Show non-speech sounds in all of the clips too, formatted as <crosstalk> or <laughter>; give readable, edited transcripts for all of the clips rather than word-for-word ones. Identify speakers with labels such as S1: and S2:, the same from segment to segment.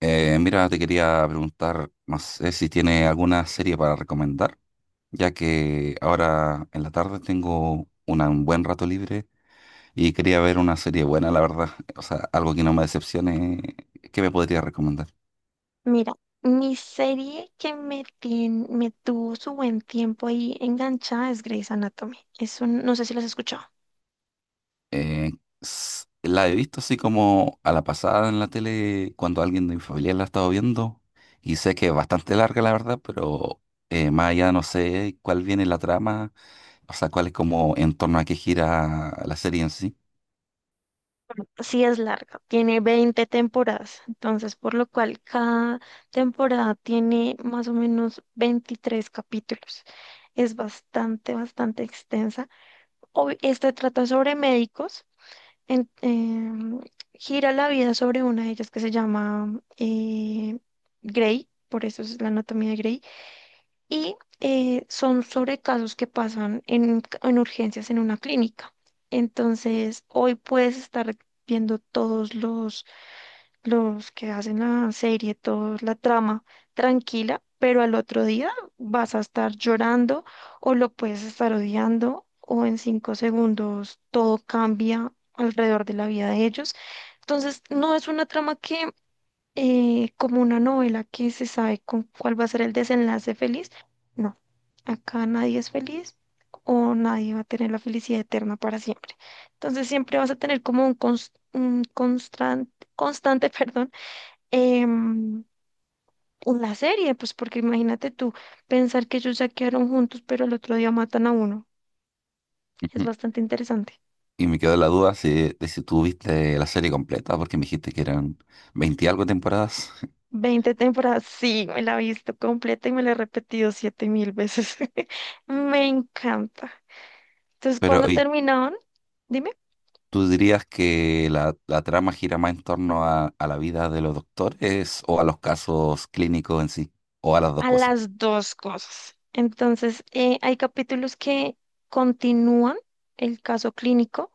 S1: Mira, te quería preguntar, no sé si tiene alguna serie para recomendar, ya que ahora en la tarde tengo un buen rato libre y quería ver una serie buena, la verdad. <laughs> O sea, algo que no me decepcione, ¿qué me podría recomendar?
S2: Mira, mi serie que me tuvo su buen tiempo ahí enganchada es Grey's Anatomy. No sé si las has escuchado.
S1: Eh, la he visto así como a la pasada en la tele cuando alguien de mi familia la ha estado viendo y sé que es bastante larga, la verdad, pero más allá no sé cuál viene la trama, o sea, cuál es como en torno a qué gira la serie en sí.
S2: Sí es larga, tiene 20 temporadas, entonces por lo cual cada temporada tiene más o menos 23 capítulos. Es bastante, bastante extensa. Esta trata sobre médicos. en- em, Gira la vida sobre una de ellas que se llama Grey, por eso es la anatomía de Grey, y son sobre casos que pasan en urgencias en una clínica. Entonces, hoy puedes estar viendo todos los que hacen la serie, toda la trama tranquila, pero al otro día vas a estar llorando o lo puedes estar odiando o en 5 segundos todo cambia alrededor de la vida de ellos. Entonces, no es una trama que, como una novela que se sabe con cuál va a ser el desenlace feliz, no, acá nadie es feliz, o nadie va a tener la felicidad eterna para siempre. Entonces siempre vas a tener como un constante, constante, <laughs> perdón, em, la serie, pues porque imagínate tú pensar que ellos ya quedaron juntos, pero el otro día matan a uno. Es bastante interesante.
S1: Y me quedó la duda si, de si tú viste la serie completa, porque me dijiste que eran 20 y algo temporadas. <laughs>
S2: 20 temporadas, sí, me la he visto completa y me la he repetido 7.000 veces. <laughs> Me encanta. Entonces,
S1: Pero,
S2: cuando
S1: ¿y
S2: terminaban, dime,
S1: tú dirías que la trama gira más en torno a la vida de los doctores o a los casos clínicos en sí? ¿O a las dos
S2: a
S1: cosas?
S2: las dos cosas. Entonces, hay capítulos que continúan el caso clínico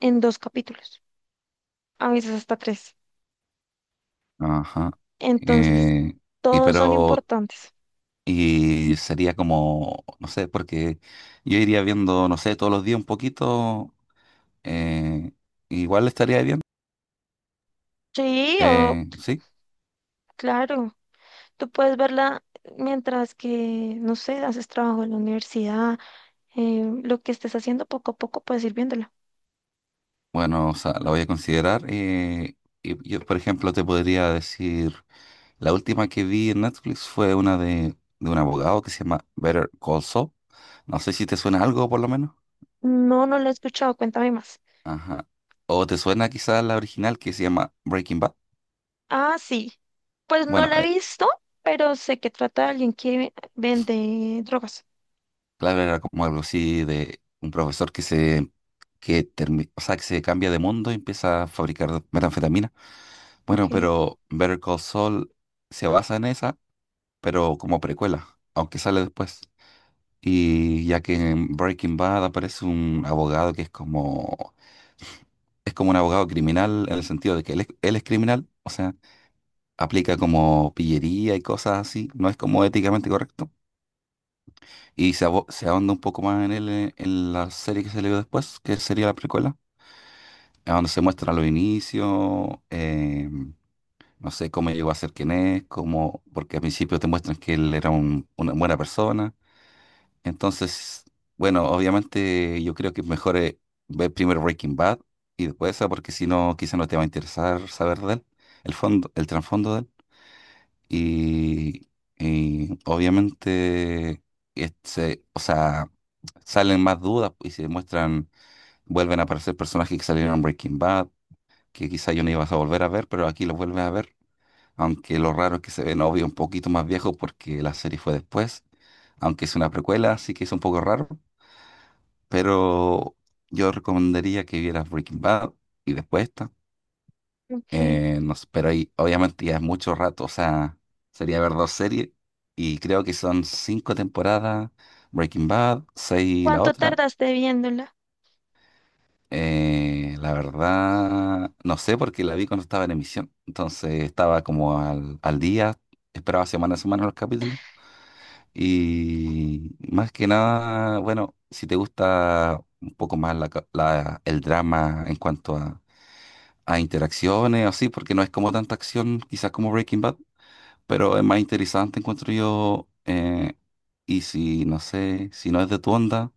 S2: en dos capítulos, a veces hasta tres.
S1: Ajá.
S2: Entonces,
S1: Eh, y
S2: todos son
S1: pero,
S2: importantes.
S1: y sería como, no sé, porque yo iría viendo, no sé, todos los días un poquito, eh, igual estaría bien.
S2: Sí, o
S1: Sí.
S2: claro, tú puedes verla mientras que, no sé, haces trabajo en la universidad, lo que estés haciendo poco a poco puedes ir viéndola.
S1: Bueno, o sea, la voy a considerar. Y yo, por ejemplo, te podría decir, la última que vi en Netflix fue una de un abogado que se llama Better Call Saul. No sé si te suena algo, por lo menos.
S2: No, no la he escuchado, cuéntame más.
S1: Ajá. O te suena quizás la original que se llama Breaking Bad.
S2: Ah, sí, pues no
S1: Bueno,
S2: la he visto, pero sé que trata de alguien que vende drogas.
S1: claro, era como algo así de un profesor que se, que o sea, que se cambia de mundo y empieza a fabricar metanfetamina. Bueno,
S2: Ok,
S1: pero Better Call Saul se basa en esa, pero como precuela, aunque sale después. Y ya que en Breaking Bad aparece un abogado que es como un abogado criminal en el sentido de que él es criminal, o sea, aplica como pillería y cosas así, no es como éticamente correcto. Y se, se ahonda un poco más en él en la serie que se le dio después, que sería la precuela, a donde se muestra los inicios, no sé cómo llegó a ser quien es, cómo, porque al principio te muestran que él era una buena persona. Entonces, bueno, obviamente yo creo que es mejor ver primero Breaking Bad y después esa, porque si no, quizá no te va a interesar saber de él, el fondo, el trasfondo de él. Y, y obviamente, este, o sea, salen más dudas y se muestran, vuelven a aparecer personajes que salieron en Breaking Bad, que quizá yo no ibas a volver a ver, pero aquí los vuelves a ver. Aunque lo raro es que se ven, obvio, un poquito más viejos porque la serie fue después, aunque es una precuela, así que es un poco raro, pero yo recomendaría que vieras Breaking Bad y después esta.
S2: ok.
S1: No sé, pero ahí obviamente ya es mucho rato, o sea, sería ver dos series y creo que son cinco temporadas, Breaking Bad, seis la
S2: ¿Cuánto
S1: otra.
S2: tardaste viéndola?
S1: La verdad, no sé porque la vi cuando estaba en emisión, entonces estaba como al día, esperaba semana a semana los capítulos. Y más que nada, bueno, si te gusta un poco más la el drama en cuanto a interacciones, así, porque no es como tanta acción, quizás como Breaking Bad, pero es más interesante, encuentro yo. Y si, no sé, si no es de tu onda,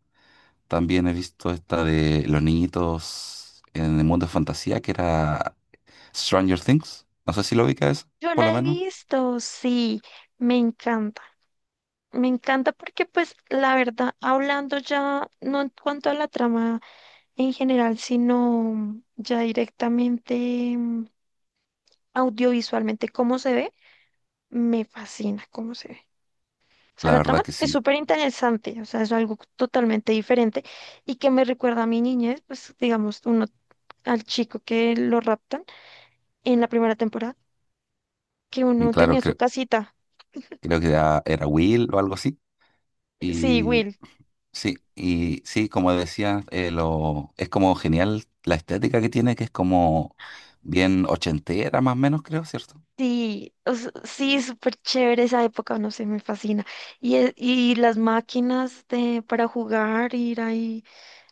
S1: también he visto esta de los niñitos en el mundo de fantasía, que era Stranger Things. No sé si lo ubicas,
S2: Yo
S1: por lo
S2: la he
S1: menos.
S2: visto, sí, me encanta. Me encanta porque, pues, la verdad, hablando ya, no en cuanto a la trama en general, sino ya directamente mm, audiovisualmente cómo se ve, me fascina cómo se ve. O sea,
S1: La
S2: la
S1: verdad
S2: trama
S1: que
S2: es
S1: sí.
S2: súper interesante, o sea, es algo totalmente diferente y que me recuerda a mi niñez, pues digamos, uno al chico que lo raptan en la primera temporada, que uno
S1: Claro,
S2: tenía su casita.
S1: creo que era Will o algo así.
S2: Sí, Will.
S1: Sí, y sí, como decía, es como genial la estética que tiene, que es como bien ochentera más o menos, creo, ¿cierto?
S2: Sí, o sea, sí, súper chévere esa época, no sé, me fascina. Y, y las máquinas de, para jugar, ir ahí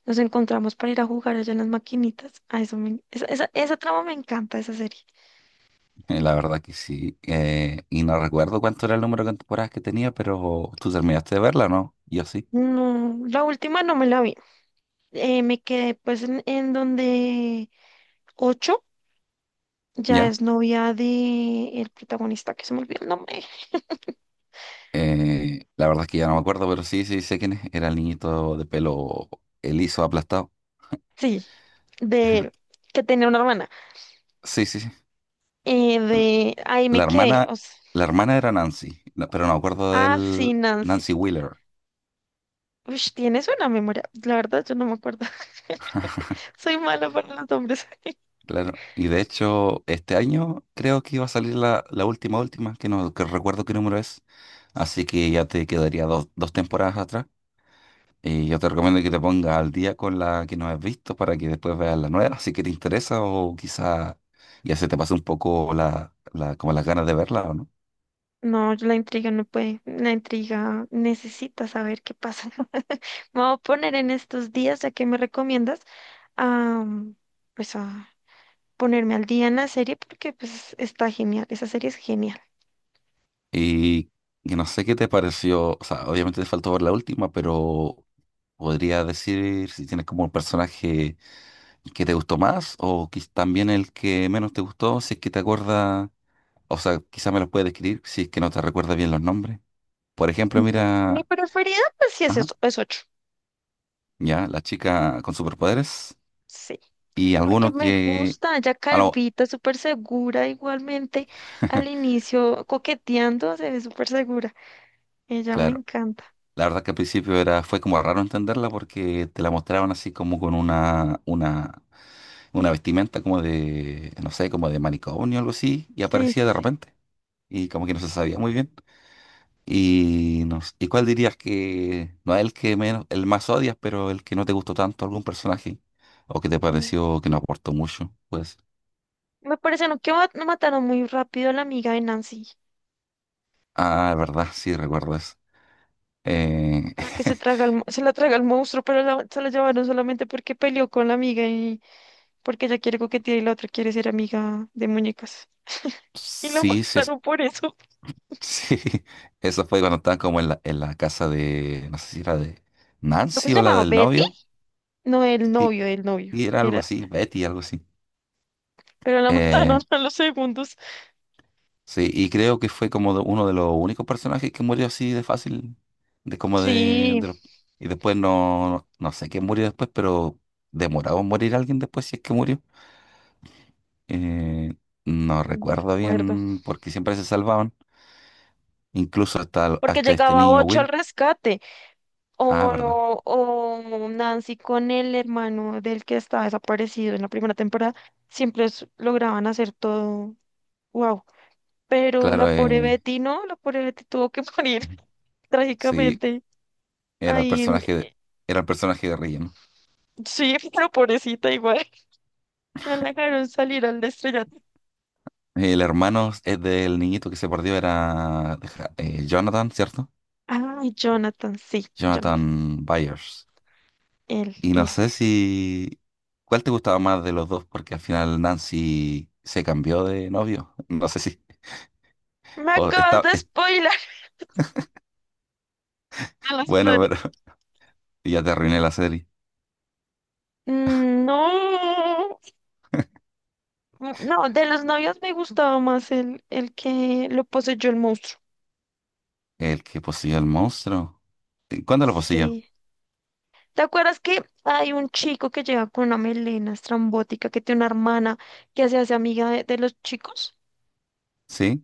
S2: nos encontramos para ir a jugar allá en las maquinitas. A eso esa trama me encanta, esa serie.
S1: La verdad que sí. Y no recuerdo cuánto era el número de temporadas que tenía, pero tú terminaste de verla, ¿no? Yo sí,
S2: No, la última no me la vi. Me quedé pues en donde Ocho ya
S1: ya.
S2: es novia de el protagonista, que se me olvidó el nombre.
S1: La verdad es que ya no me acuerdo, pero sí, sí, sé quién es. Era el niñito de pelo liso, aplastado.
S2: Sí,
S1: <laughs>
S2: de
S1: Ajá.
S2: él, que tenía una hermana.
S1: Sí, sí, sí.
S2: De ahí
S1: La
S2: me quedé.
S1: hermana,
S2: O sea,
S1: la hermana era Nancy, pero no me acuerdo
S2: ah, sí,
S1: del
S2: Nancy.
S1: Nancy Wheeler.
S2: Uy, tienes una memoria. La verdad, yo no me acuerdo. <laughs> Soy mala para los nombres.
S1: Claro, y de hecho este año creo que iba a salir la, la última, última, que no que recuerdo qué número es, así que ya te quedaría dos, dos temporadas atrás. Y yo te recomiendo que te pongas al día con la que no has visto para que después veas la nueva, si que te interesa o quizá ya se te pase un poco la, la, como las ganas de verla o no.
S2: No, la intriga no puede. La intriga necesita saber qué pasa. <laughs> Me voy a poner en estos días, ya que me recomiendas, a, pues a ponerme al día en la serie porque pues está genial. Esa serie es genial.
S1: Y, y no sé qué te pareció, o sea, obviamente te faltó ver la última, pero podría decir si tienes como un personaje que te gustó más o también el que menos te gustó, si es que te acuerdas, o sea, quizá me los puedes describir si es que no te recuerdas bien los nombres. Por ejemplo,
S2: Mm, Mi
S1: mira,
S2: preferida, pues sí, es,
S1: ajá,
S2: eso- es ocho.
S1: ya, la chica con superpoderes
S2: Sí,
S1: y
S2: porque
S1: alguno
S2: me
S1: que,
S2: gusta, ya
S1: a lo-
S2: calvita, súper segura, igualmente al
S1: <laughs>
S2: inicio coqueteando, se ve súper segura. Ella me
S1: claro,
S2: encanta.
S1: la verdad que al principio era, fue como raro entenderla porque te la mostraban así como con una vestimenta como de, no sé, como de manicomio o algo así y
S2: Sí,
S1: aparecía
S2: sí,
S1: de
S2: sí.
S1: repente y como que no se sabía muy bien. Y, no s- ¿y cuál dirías que no es el que menos, el más odias, pero el que no te gustó tanto algún personaje? O que te
S2: Mm.
S1: pareció que no aportó mucho, pues.
S2: Me parece, no, que no mataron muy rápido a la amiga de Nancy.
S1: Ah, verdad, sí, recuerdas. Eh,
S2: La que se
S1: <laughs>
S2: traga al se la traga el monstruo, pero se la llevaron solamente porque peleó con la amiga y porque ella quiere coquetear y la otra quiere ser amiga de muñecas. Y la
S1: sí, sí,
S2: mataron por eso.
S1: <laughs> sí. Eso fue cuando estaban como en en la casa de, no sé si era de
S2: ¿Lo que
S1: Nancy
S2: se
S1: o la
S2: llamaba
S1: del
S2: Betty?
S1: novio.
S2: No, el
S1: Sí,
S2: novio, el novio.
S1: sí, era algo
S2: Era,
S1: así, Betty, algo así.
S2: pero la <laughs> mataron
S1: Eh,
S2: a los segundos.
S1: Sí, y creo que fue como uno de los únicos personajes que murió así de fácil, de como de,
S2: Sí,
S1: y después no, no sé quién murió después, pero demoraba en morir alguien después si es que murió. Eh, no recuerdo
S2: recuerdo.
S1: bien porque siempre se salvaban, incluso
S2: Porque
S1: hasta este
S2: llegaba
S1: niño
S2: Ocho al
S1: Will.
S2: rescate.
S1: Ah, verdad.
S2: O Nancy con el hermano del que está desaparecido en la primera temporada. Siempre lograban hacer todo. Wow. Pero la
S1: Claro,
S2: pobre Betty no, la pobre Betty tuvo que morir <laughs>
S1: sí,
S2: trágicamente.
S1: era el
S2: Ahí en...
S1: personaje, era el personaje de relleno.
S2: Sí, <laughs> pero pobrecita igual. No la dejaron salir al estrellato.
S1: El hermano es del niñito que se perdió era Jonathan, ¿cierto?
S2: Ay, Jonathan, sí, Jonathan.
S1: Jonathan Byers.
S2: Él,
S1: Y no
S2: él.
S1: sé si... ¿Cuál te gustaba más de los dos? Porque al final Nancy se cambió de novio. <laughs> No sé si...
S2: Me
S1: o
S2: acabas
S1: está...
S2: de spoiler <laughs> a los
S1: Bueno,
S2: padres.
S1: pero <laughs> ya te arruiné la serie.
S2: No, no, de los novios me gustaba más el que lo poseyó el monstruo.
S1: El que poseyó el monstruo. ¿Cuándo lo poseyó?
S2: Sí. ¿Te acuerdas que hay un chico que llega con una melena estrambótica que tiene una hermana que se hace amiga de los chicos?
S1: ¿Sí?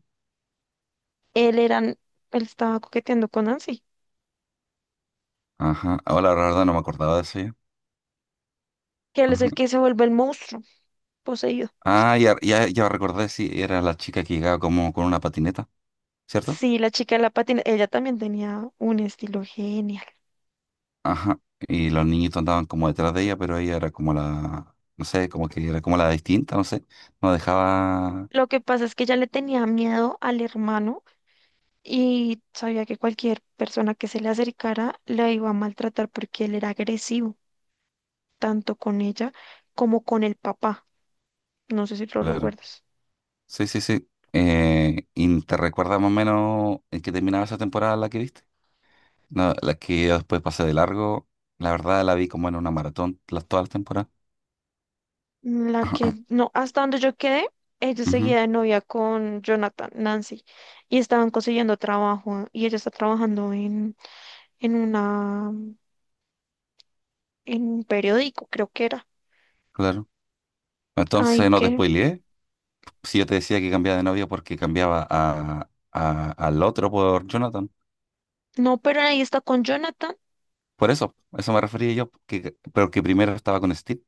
S2: Él era, él estaba coqueteando con Nancy,
S1: Ajá. Ahora la verdad no me acordaba de eso yo.
S2: que él es
S1: Ajá.
S2: el que se vuelve el monstruo poseído.
S1: Ah, ya, ya, ya recordé, sí, era la chica que llegaba como con una patineta, ¿cierto?
S2: Sí, la chica de la patina, ella también tenía un estilo genial.
S1: Ajá. Y los niñitos andaban como detrás de ella, pero ella era como la... No sé, como que era como la distinta, no sé. No dejaba...
S2: Lo que pasa es que ella le tenía miedo al hermano y sabía que cualquier persona que se le acercara la iba a maltratar porque él era agresivo, tanto con ella como con el papá. No sé si lo
S1: Claro.
S2: recuerdas.
S1: Sí, sí, sí. ¿Y te recuerdas más o menos en qué terminaba esa temporada la que viste? No, la que yo después pasé de largo. La verdad la vi como en una maratón las todas las temporadas.
S2: La que,
S1: <clears throat> <laughs>
S2: no, hasta donde yo quedé, ella
S1: Ujú,
S2: seguía de novia con Jonathan, Nancy, y estaban consiguiendo trabajo, y ella está trabajando en una, en un periódico, creo que era.
S1: claro. Entonces
S2: Ay,
S1: no te
S2: que,
S1: spoileé. Si yo te decía que cambiaba de novia porque cambiaba a, al otro por Jonathan.
S2: no, pero ahí está con Jonathan.
S1: Por eso, a eso me refería yo, que, pero que primero estaba con Steve,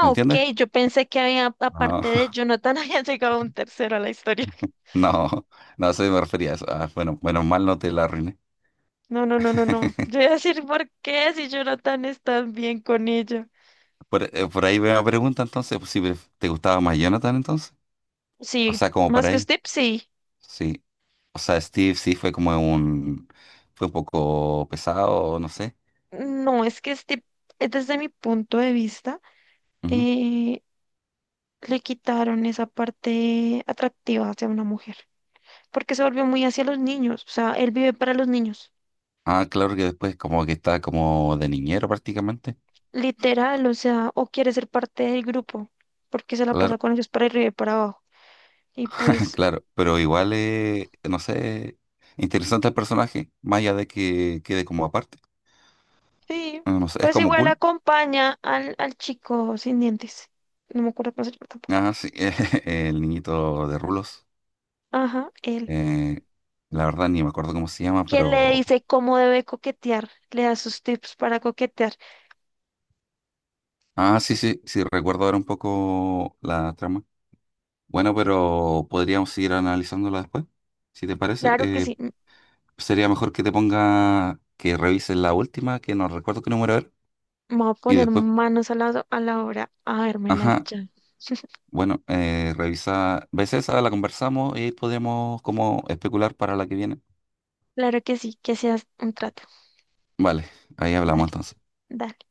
S1: ¿me
S2: ok,
S1: entiendes?
S2: yo pensé que había,
S1: No,
S2: aparte de
S1: <laughs>
S2: Jonathan, <laughs> había llegado un tercero a la historia.
S1: no, no, a eso me refería a eso. Ah, bueno, menos mal no te la arruiné.
S2: No, no, no, no, no. Yo
S1: <laughs>
S2: iba a decir, ¿por qué si Jonathan está bien con ella?
S1: Por ahí veo la pregunta entonces, pues, si te gustaba más Jonathan entonces. O
S2: Sí,
S1: sea, como
S2: más
S1: para
S2: que
S1: ahí
S2: Steve, sí.
S1: sí. O sea, Steve sí fue como un... Fue un poco pesado, no sé.
S2: No, es que Steve, desde mi punto de vista,
S1: Ujú.
S2: eh, le quitaron esa parte atractiva hacia una mujer, porque se volvió muy hacia los niños, o sea, él vive para los niños,
S1: Ah, claro que después como que está como de niñero prácticamente.
S2: literal, o sea, o quiere ser parte del grupo, porque se la pasa
S1: Claro,
S2: con ellos para arriba y para abajo. Y
S1: <laughs>
S2: pues,
S1: claro. Pero igual, no sé, interesante el personaje, más allá de que quede como aparte.
S2: sí,
S1: No, no sé, es
S2: pues
S1: como
S2: igual
S1: cool.
S2: acompaña al chico sin dientes, no me acuerdo cómo se llama tampoco.
S1: Ah, sí, <laughs> el niñito de Rulos.
S2: Ajá, él.
S1: Eh, la verdad ni me acuerdo cómo se llama,
S2: ¿Que le
S1: pero...
S2: dice cómo debe coquetear? Le da sus tips para coquetear.
S1: Ah, sí, sí, sí, recuerdo ahora un poco la trama. Bueno, pero podríamos seguir analizándola después, si te parece.
S2: Claro que sí,
S1: Sería mejor que te ponga, que revises la última, que no recuerdo qué número era,
S2: me voy a
S1: y
S2: poner
S1: después,
S2: manos a a la obra a verme la.
S1: ajá, bueno, revisa, ves esa, la conversamos y podemos como especular para la que viene.
S2: Claro que sí, que seas un trato.
S1: Vale, ahí hablamos
S2: Dale,
S1: entonces.
S2: dale.